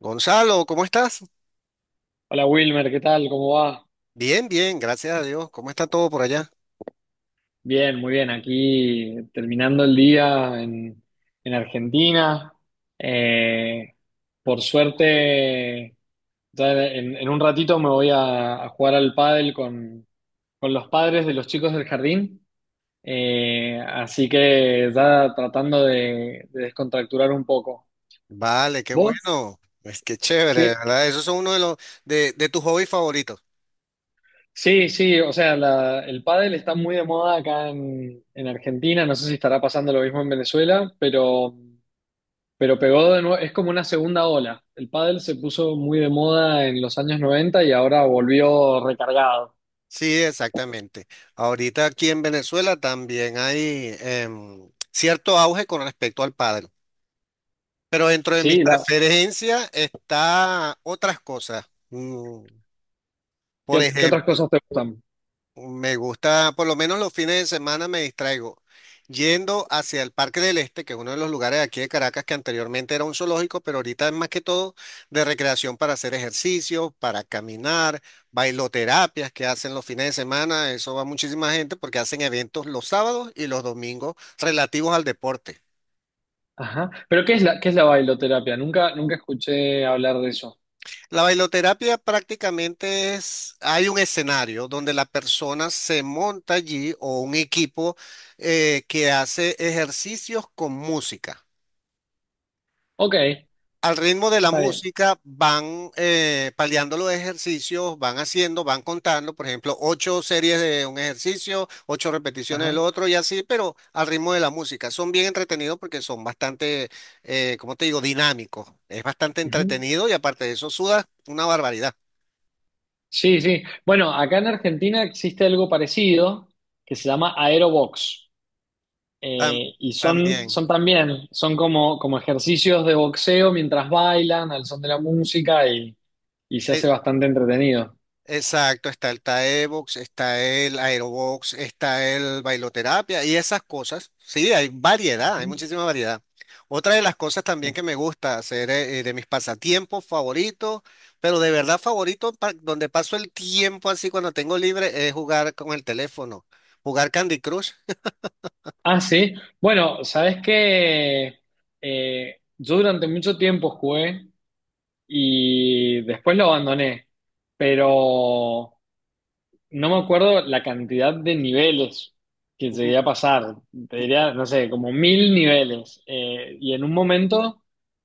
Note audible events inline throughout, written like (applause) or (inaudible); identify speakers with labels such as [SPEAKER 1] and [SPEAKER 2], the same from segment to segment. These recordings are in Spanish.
[SPEAKER 1] Gonzalo, ¿cómo estás?
[SPEAKER 2] Hola Wilmer, ¿qué tal? ¿Cómo va?
[SPEAKER 1] Bien, bien, gracias a Dios. ¿Cómo está todo por allá?
[SPEAKER 2] Bien, muy bien. Aquí terminando el día en Argentina. Eh, por suerte, ya en un ratito me voy a jugar al pádel con los padres de los chicos del jardín. Así que ya tratando de descontracturar un poco.
[SPEAKER 1] Vale, qué
[SPEAKER 2] ¿Vos?
[SPEAKER 1] bueno. Es que chévere, ¿de
[SPEAKER 2] ¿Qué,
[SPEAKER 1] verdad? Esos son uno de los de tus hobbies favoritos.
[SPEAKER 2] Sí, sí, o sea, el pádel está muy de moda acá en Argentina, no sé si estará pasando lo mismo en Venezuela, pero pegó de nuevo, es como una segunda ola. El pádel se puso muy de moda en los años 90 y ahora volvió recargado.
[SPEAKER 1] Sí, exactamente. Ahorita aquí en Venezuela también hay cierto auge con respecto al pádel, pero dentro de mis
[SPEAKER 2] Sí,
[SPEAKER 1] preferencias está otras cosas. Mm, por
[SPEAKER 2] ¿qué otras
[SPEAKER 1] ejemplo,
[SPEAKER 2] cosas te gustan?
[SPEAKER 1] me gusta, por lo menos los fines de semana me distraigo yendo hacia el Parque del Este, que es uno de los lugares de aquí de Caracas que anteriormente era un zoológico, pero ahorita es más que todo de recreación para hacer ejercicio, para caminar, bailoterapias que hacen los fines de semana. Eso va muchísima gente porque hacen eventos los sábados y los domingos relativos al deporte.
[SPEAKER 2] Ajá. Pero ¿qué es la bailoterapia? Nunca, nunca escuché hablar de eso.
[SPEAKER 1] La bailoterapia prácticamente es, hay un escenario donde la persona se monta allí o un equipo que hace ejercicios con música.
[SPEAKER 2] Ok, está
[SPEAKER 1] Al ritmo de la
[SPEAKER 2] bien.
[SPEAKER 1] música van paliando los ejercicios, van haciendo, van contando, por ejemplo, 8 series de un ejercicio, 8 repeticiones del
[SPEAKER 2] Ajá.
[SPEAKER 1] otro y así, pero al ritmo de la música. Son bien entretenidos porque son ¿cómo te digo?, dinámicos. Es bastante
[SPEAKER 2] Ujú.
[SPEAKER 1] entretenido y aparte de eso sudas una barbaridad.
[SPEAKER 2] Sí, sí. Bueno, acá en Argentina existe algo parecido que se llama aerobox.
[SPEAKER 1] Tam-
[SPEAKER 2] Y son,
[SPEAKER 1] También.
[SPEAKER 2] son también, son como ejercicios de boxeo mientras bailan al son de la música y se
[SPEAKER 1] Eh,
[SPEAKER 2] hace bastante entretenido.
[SPEAKER 1] exacto, está el Taebox, está el Aerobox, está el bailoterapia y esas cosas. Sí, hay variedad, hay muchísima variedad. Otra de las cosas también
[SPEAKER 2] Ujú.
[SPEAKER 1] que me gusta hacer, de mis pasatiempos favoritos, pero de verdad favorito, donde paso el tiempo así cuando tengo libre, es jugar con el teléfono, jugar Candy Crush.
[SPEAKER 2] Ah, sí. Bueno, sabes que yo durante mucho tiempo jugué y después lo abandoné, pero no me acuerdo la cantidad de niveles que llegué a pasar. Te diría, no sé, como 1.000 niveles. Y en un momento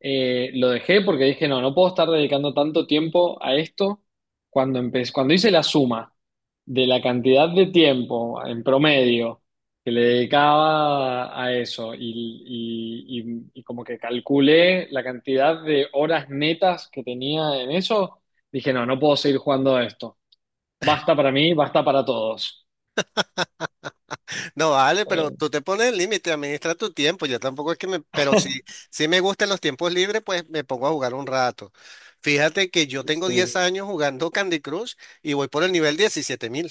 [SPEAKER 2] lo dejé porque dije, no, no puedo estar dedicando tanto tiempo a esto. Cuando empecé, cuando hice la suma de la cantidad de tiempo en promedio que le dedicaba a eso y como que calculé la cantidad de horas netas que tenía en eso, dije, no, no puedo seguir jugando a esto. Basta para mí, basta para todos.
[SPEAKER 1] No, vale, pero
[SPEAKER 2] Eh,
[SPEAKER 1] tú te pones el límite, administra tu tiempo. Yo tampoco es que me, pero sí, sí me gustan los tiempos libres, pues me pongo a jugar un rato. Fíjate que yo tengo
[SPEAKER 2] sí.
[SPEAKER 1] 10 años jugando Candy Crush y voy por el nivel 17.000.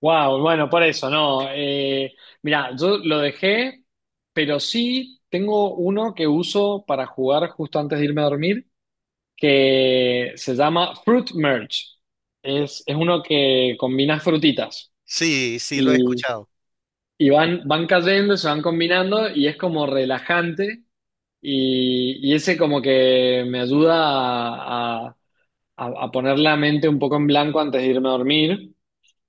[SPEAKER 2] Wow, bueno, por eso, no. Mira, yo lo dejé, pero sí tengo uno que uso para jugar justo antes de irme a dormir, que se llama Fruit Merge. Es uno que combina frutitas
[SPEAKER 1] Sí, sí lo he
[SPEAKER 2] y,
[SPEAKER 1] escuchado.
[SPEAKER 2] y van cayendo, se van combinando y es como relajante y ese como que me ayuda a, a a poner la mente un poco en blanco antes de irme a dormir,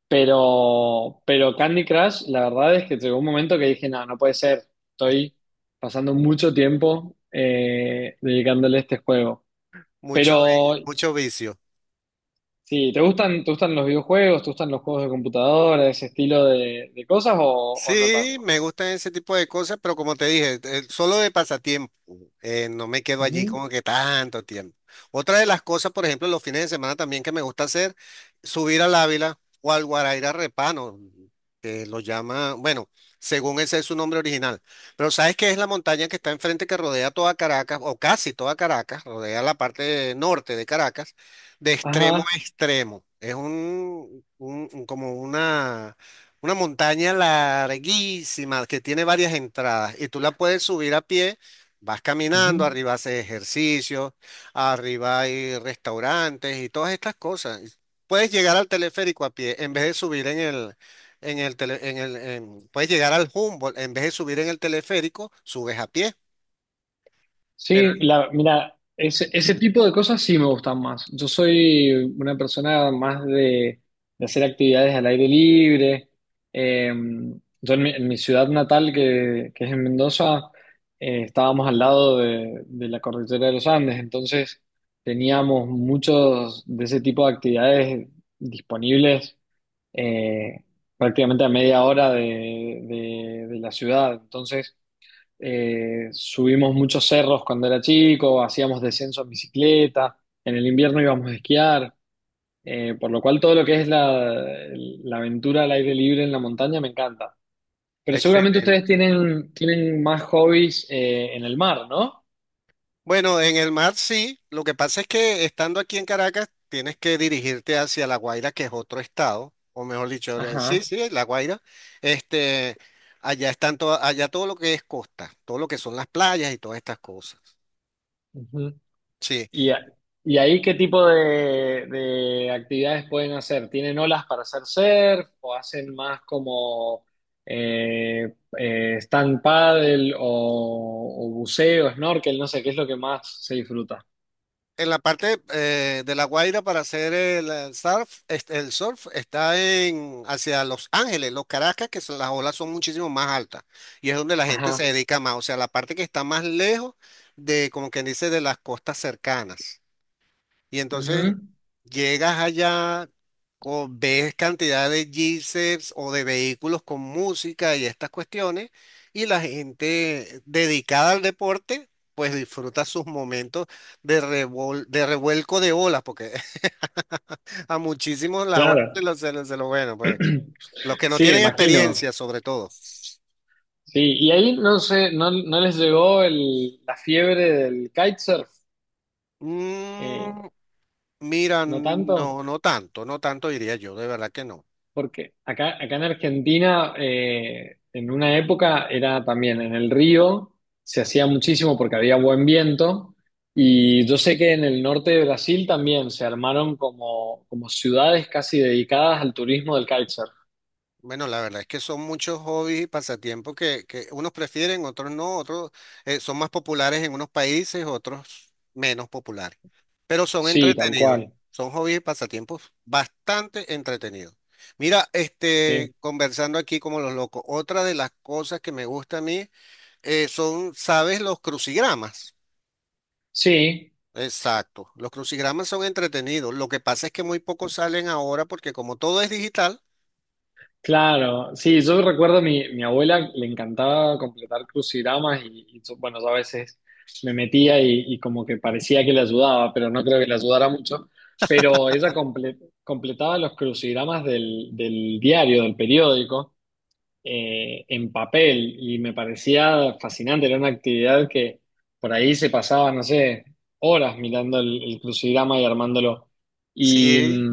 [SPEAKER 2] pero Candy Crush, la verdad es que llegó un momento que dije, no, no puede ser, estoy pasando mucho tiempo dedicándole a este juego.
[SPEAKER 1] Mucho,
[SPEAKER 2] Pero
[SPEAKER 1] mucho vicio.
[SPEAKER 2] sí, ¿te gustan los videojuegos, te gustan los juegos de computadora, ese estilo de cosas o no
[SPEAKER 1] Sí,
[SPEAKER 2] tanto?
[SPEAKER 1] me gustan ese tipo de cosas, pero como te dije, solo de pasatiempo, no me quedo allí
[SPEAKER 2] Ujú,
[SPEAKER 1] como que tanto tiempo. Otra de las cosas, por ejemplo, los fines de semana también que me gusta hacer, subir al Ávila o al Guaraira Repano, que lo llama, bueno, según ese es su nombre original. Pero ¿sabes qué? Es la montaña que está enfrente, que rodea toda Caracas, o casi toda Caracas, rodea la parte norte de Caracas, de extremo
[SPEAKER 2] ajá.
[SPEAKER 1] a extremo. Es como una montaña larguísima que tiene varias entradas y tú la puedes subir a pie, vas caminando,
[SPEAKER 2] Ujú.
[SPEAKER 1] arriba haces ejercicio, arriba hay restaurantes y todas estas cosas. Y puedes llegar al teleférico a pie en vez de subir en el, puedes llegar al Humboldt en vez de subir en el teleférico, subes a pie. Pero
[SPEAKER 2] Sí, mira, ese tipo de cosas sí me gustan más. Yo soy una persona más de hacer actividades al aire libre. Eh, yo en mi ciudad natal, que es en Mendoza, estábamos al lado de la cordillera de los Andes, entonces teníamos muchos de ese tipo de actividades disponibles eh, prácticamente a media hora de la ciudad. Entonces, subimos muchos cerros cuando era chico, hacíamos descenso en bicicleta, en el invierno íbamos a esquiar, por lo cual todo lo que es la aventura al aire libre en la montaña me encanta. Pero seguramente ustedes
[SPEAKER 1] excelente.
[SPEAKER 2] tienen más hobbies en el mar, ¿no?
[SPEAKER 1] Bueno, en el mar sí. Lo que pasa es que estando aquí en Caracas tienes que dirigirte hacia La Guaira, que es otro estado, o mejor dicho, sí,
[SPEAKER 2] Ajá.
[SPEAKER 1] sí, La Guaira. Este, allá están todo, allá todo lo que es costa, todo lo que son las playas y todas estas cosas.
[SPEAKER 2] Ujú.
[SPEAKER 1] Sí.
[SPEAKER 2] ¿Y, a- y ahí qué tipo de actividades pueden hacer? ¿Tienen olas para hacer surf o hacen más como stand paddle o buceo, snorkel? No sé, ¿qué es lo que más se disfruta?
[SPEAKER 1] En la parte de La Guaira para hacer el, surf, este, el surf está en hacia Los Ángeles, Los Caracas, las olas son muchísimo más altas y es donde la gente se
[SPEAKER 2] Ajá.
[SPEAKER 1] dedica más, o sea, la parte que está más lejos de, como quien dice, de las costas cercanas. Y entonces
[SPEAKER 2] Ujú.
[SPEAKER 1] llegas allá, o ves cantidad de G-Seps o de vehículos con música y estas cuestiones, y la gente dedicada al deporte, pues disfruta sus momentos de, de revuelco de olas, porque (laughs) a muchísimos las olas
[SPEAKER 2] Claro.
[SPEAKER 1] bueno, pues
[SPEAKER 2] (clears throat)
[SPEAKER 1] los que no
[SPEAKER 2] Sí, me
[SPEAKER 1] tienen
[SPEAKER 2] imagino.
[SPEAKER 1] experiencia sobre todo.
[SPEAKER 2] Sí, y ahí no sé, no, no les llegó la fiebre del kitesurf. Eh,
[SPEAKER 1] Mm, mira,
[SPEAKER 2] ¿No tanto?
[SPEAKER 1] no, no tanto, no tanto diría yo, de verdad que no.
[SPEAKER 2] Porque acá en Argentina, en una época era también en el río, se hacía muchísimo porque había buen viento. Y yo sé que en el norte de Brasil también se armaron como ciudades casi dedicadas al turismo del kitesurf.
[SPEAKER 1] Bueno, la verdad es que son muchos hobbies y pasatiempos que unos prefieren, otros no, otros son más populares en unos países, otros menos populares, pero son
[SPEAKER 2] Sí, tal
[SPEAKER 1] entretenidos,
[SPEAKER 2] cual.
[SPEAKER 1] son hobbies y pasatiempos bastante entretenidos. Mira, este,
[SPEAKER 2] Sí,
[SPEAKER 1] conversando aquí como los locos, otra de las cosas que me gusta a mí, son, ¿sabes? Los crucigramas.
[SPEAKER 2] sí.
[SPEAKER 1] Exacto, los crucigramas son entretenidos, lo que pasa es que muy pocos salen ahora porque como todo es digital.
[SPEAKER 2] Claro, sí, yo recuerdo a mi abuela le encantaba completar crucigramas y yo, bueno, yo a veces me metía y como que parecía que le ayudaba, pero no creo que le ayudara mucho. Pero ella completaba los crucigramas del diario, del periódico, en papel y me parecía fascinante, era una actividad que por ahí se pasaba, no sé, horas mirando el crucigrama y armándolo.
[SPEAKER 1] Sí.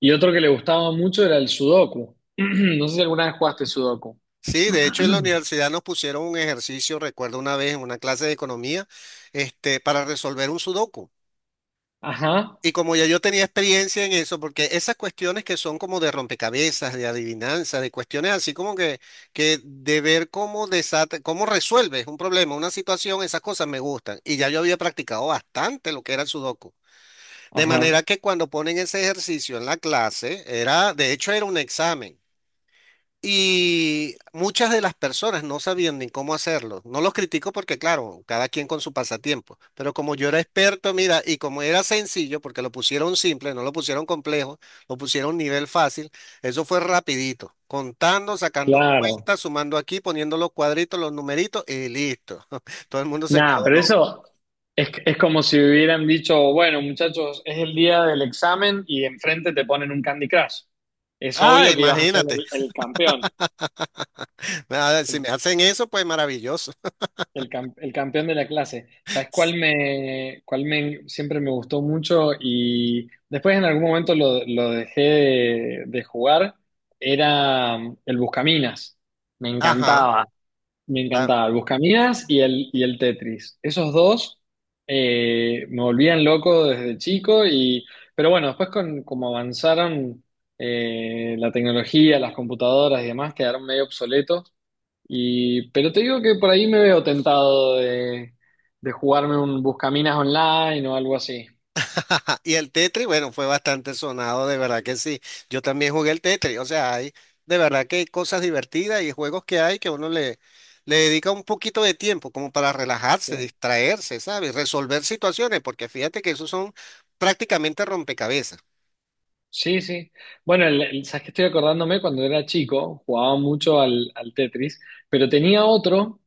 [SPEAKER 2] Y otro que le gustaba mucho era el Sudoku. (clears throat) No sé si alguna vez jugaste Sudoku.
[SPEAKER 1] Sí, de hecho en la
[SPEAKER 2] (clears throat)
[SPEAKER 1] universidad nos pusieron un ejercicio, recuerdo una vez en una clase de economía, este, para resolver un sudoku.
[SPEAKER 2] Ajá,
[SPEAKER 1] Y como ya yo tenía experiencia en eso, porque esas cuestiones que son como de rompecabezas, de adivinanza, de cuestiones así como que de ver cómo desata, cómo resuelves un problema, una situación, esas cosas me gustan. Y ya yo había practicado bastante lo que era el sudoku. De
[SPEAKER 2] ajá,
[SPEAKER 1] manera que cuando ponen ese ejercicio en la clase, era, de hecho era un examen. Y muchas de las personas no sabían ni cómo hacerlo. No los critico porque, claro, cada quien con su pasatiempo. Pero como yo era experto, mira, y como era sencillo, porque lo pusieron simple, no lo pusieron complejo, lo pusieron nivel fácil, eso fue rapidito. Contando, sacando
[SPEAKER 2] claro.
[SPEAKER 1] cuentas, sumando aquí, poniendo los cuadritos, los numeritos y listo. (laughs) Todo el mundo se
[SPEAKER 2] Nada,
[SPEAKER 1] quedó
[SPEAKER 2] pero
[SPEAKER 1] loco.
[SPEAKER 2] eso es como si hubieran dicho, bueno, muchachos, es el día del examen y enfrente te ponen un Candy Crush. Es
[SPEAKER 1] Ah,
[SPEAKER 2] obvio que ibas a ser
[SPEAKER 1] imagínate.
[SPEAKER 2] el campeón.
[SPEAKER 1] (laughs) Ah, si me hacen eso, pues maravilloso.
[SPEAKER 2] El campeón de la clase. ¿Sabes cuál
[SPEAKER 1] (laughs)
[SPEAKER 2] me, cuál me siempre me gustó mucho? Y después en algún momento lo dejé de jugar. Era el Buscaminas. Me
[SPEAKER 1] Ajá.
[SPEAKER 2] encantaba. Me encantaba. El Buscaminas y el Tetris. Esos dos me volvían loco desde chico. Pero bueno, después con como avanzaron la tecnología, las computadoras y demás, quedaron medio obsoletos. Pero te digo que por ahí me veo tentado de jugarme un Buscaminas online o algo así.
[SPEAKER 1] (laughs) Ajá, y el Tetris, bueno, fue bastante sonado, de verdad que sí. Yo también jugué el Tetris, o sea, hay, de verdad que hay cosas divertidas y juegos que hay que uno le, le dedica un poquito de tiempo como para relajarse,
[SPEAKER 2] Sí,
[SPEAKER 1] distraerse, ¿sabes? Resolver situaciones, porque fíjate que esos son prácticamente rompecabezas.
[SPEAKER 2] sí. Sí. Bueno, sabes que estoy acordándome cuando era chico, jugaba mucho al Tetris, pero tenía otro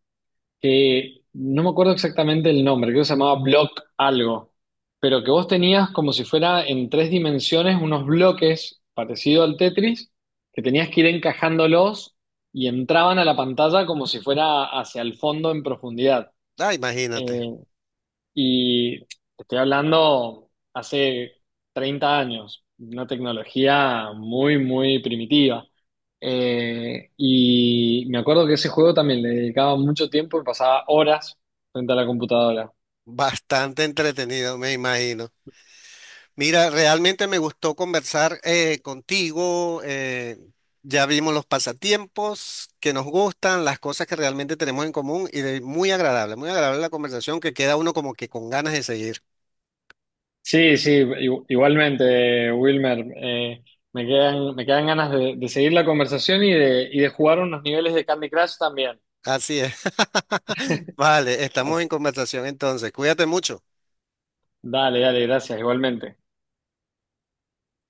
[SPEAKER 2] que no me acuerdo exactamente el nombre, creo que se llamaba Block algo, pero que vos tenías como si fuera en tres dimensiones unos bloques parecido al Tetris, que tenías que ir encajándolos y entraban a la pantalla como si fuera hacia el fondo en profundidad.
[SPEAKER 1] Ah, imagínate,
[SPEAKER 2] Eh, y te estoy hablando hace 30 años, una tecnología muy, muy primitiva. Y me acuerdo que ese juego también le dedicaba mucho tiempo y pasaba horas frente a la computadora.
[SPEAKER 1] bastante entretenido, me imagino. Mira, realmente me gustó conversar, contigo. Ya vimos los pasatiempos que nos gustan, las cosas que realmente tenemos en común y muy agradable la conversación que queda uno como que con ganas de seguir.
[SPEAKER 2] Sí, sí, igualmente, Wilmer. Me quedan ganas de seguir la conversación y de jugar unos niveles de Candy Crush también.
[SPEAKER 1] Así es. (laughs) Vale, estamos en
[SPEAKER 2] Así-
[SPEAKER 1] conversación entonces. Cuídate mucho.
[SPEAKER 2] Dale, dale, gracias, igualmente.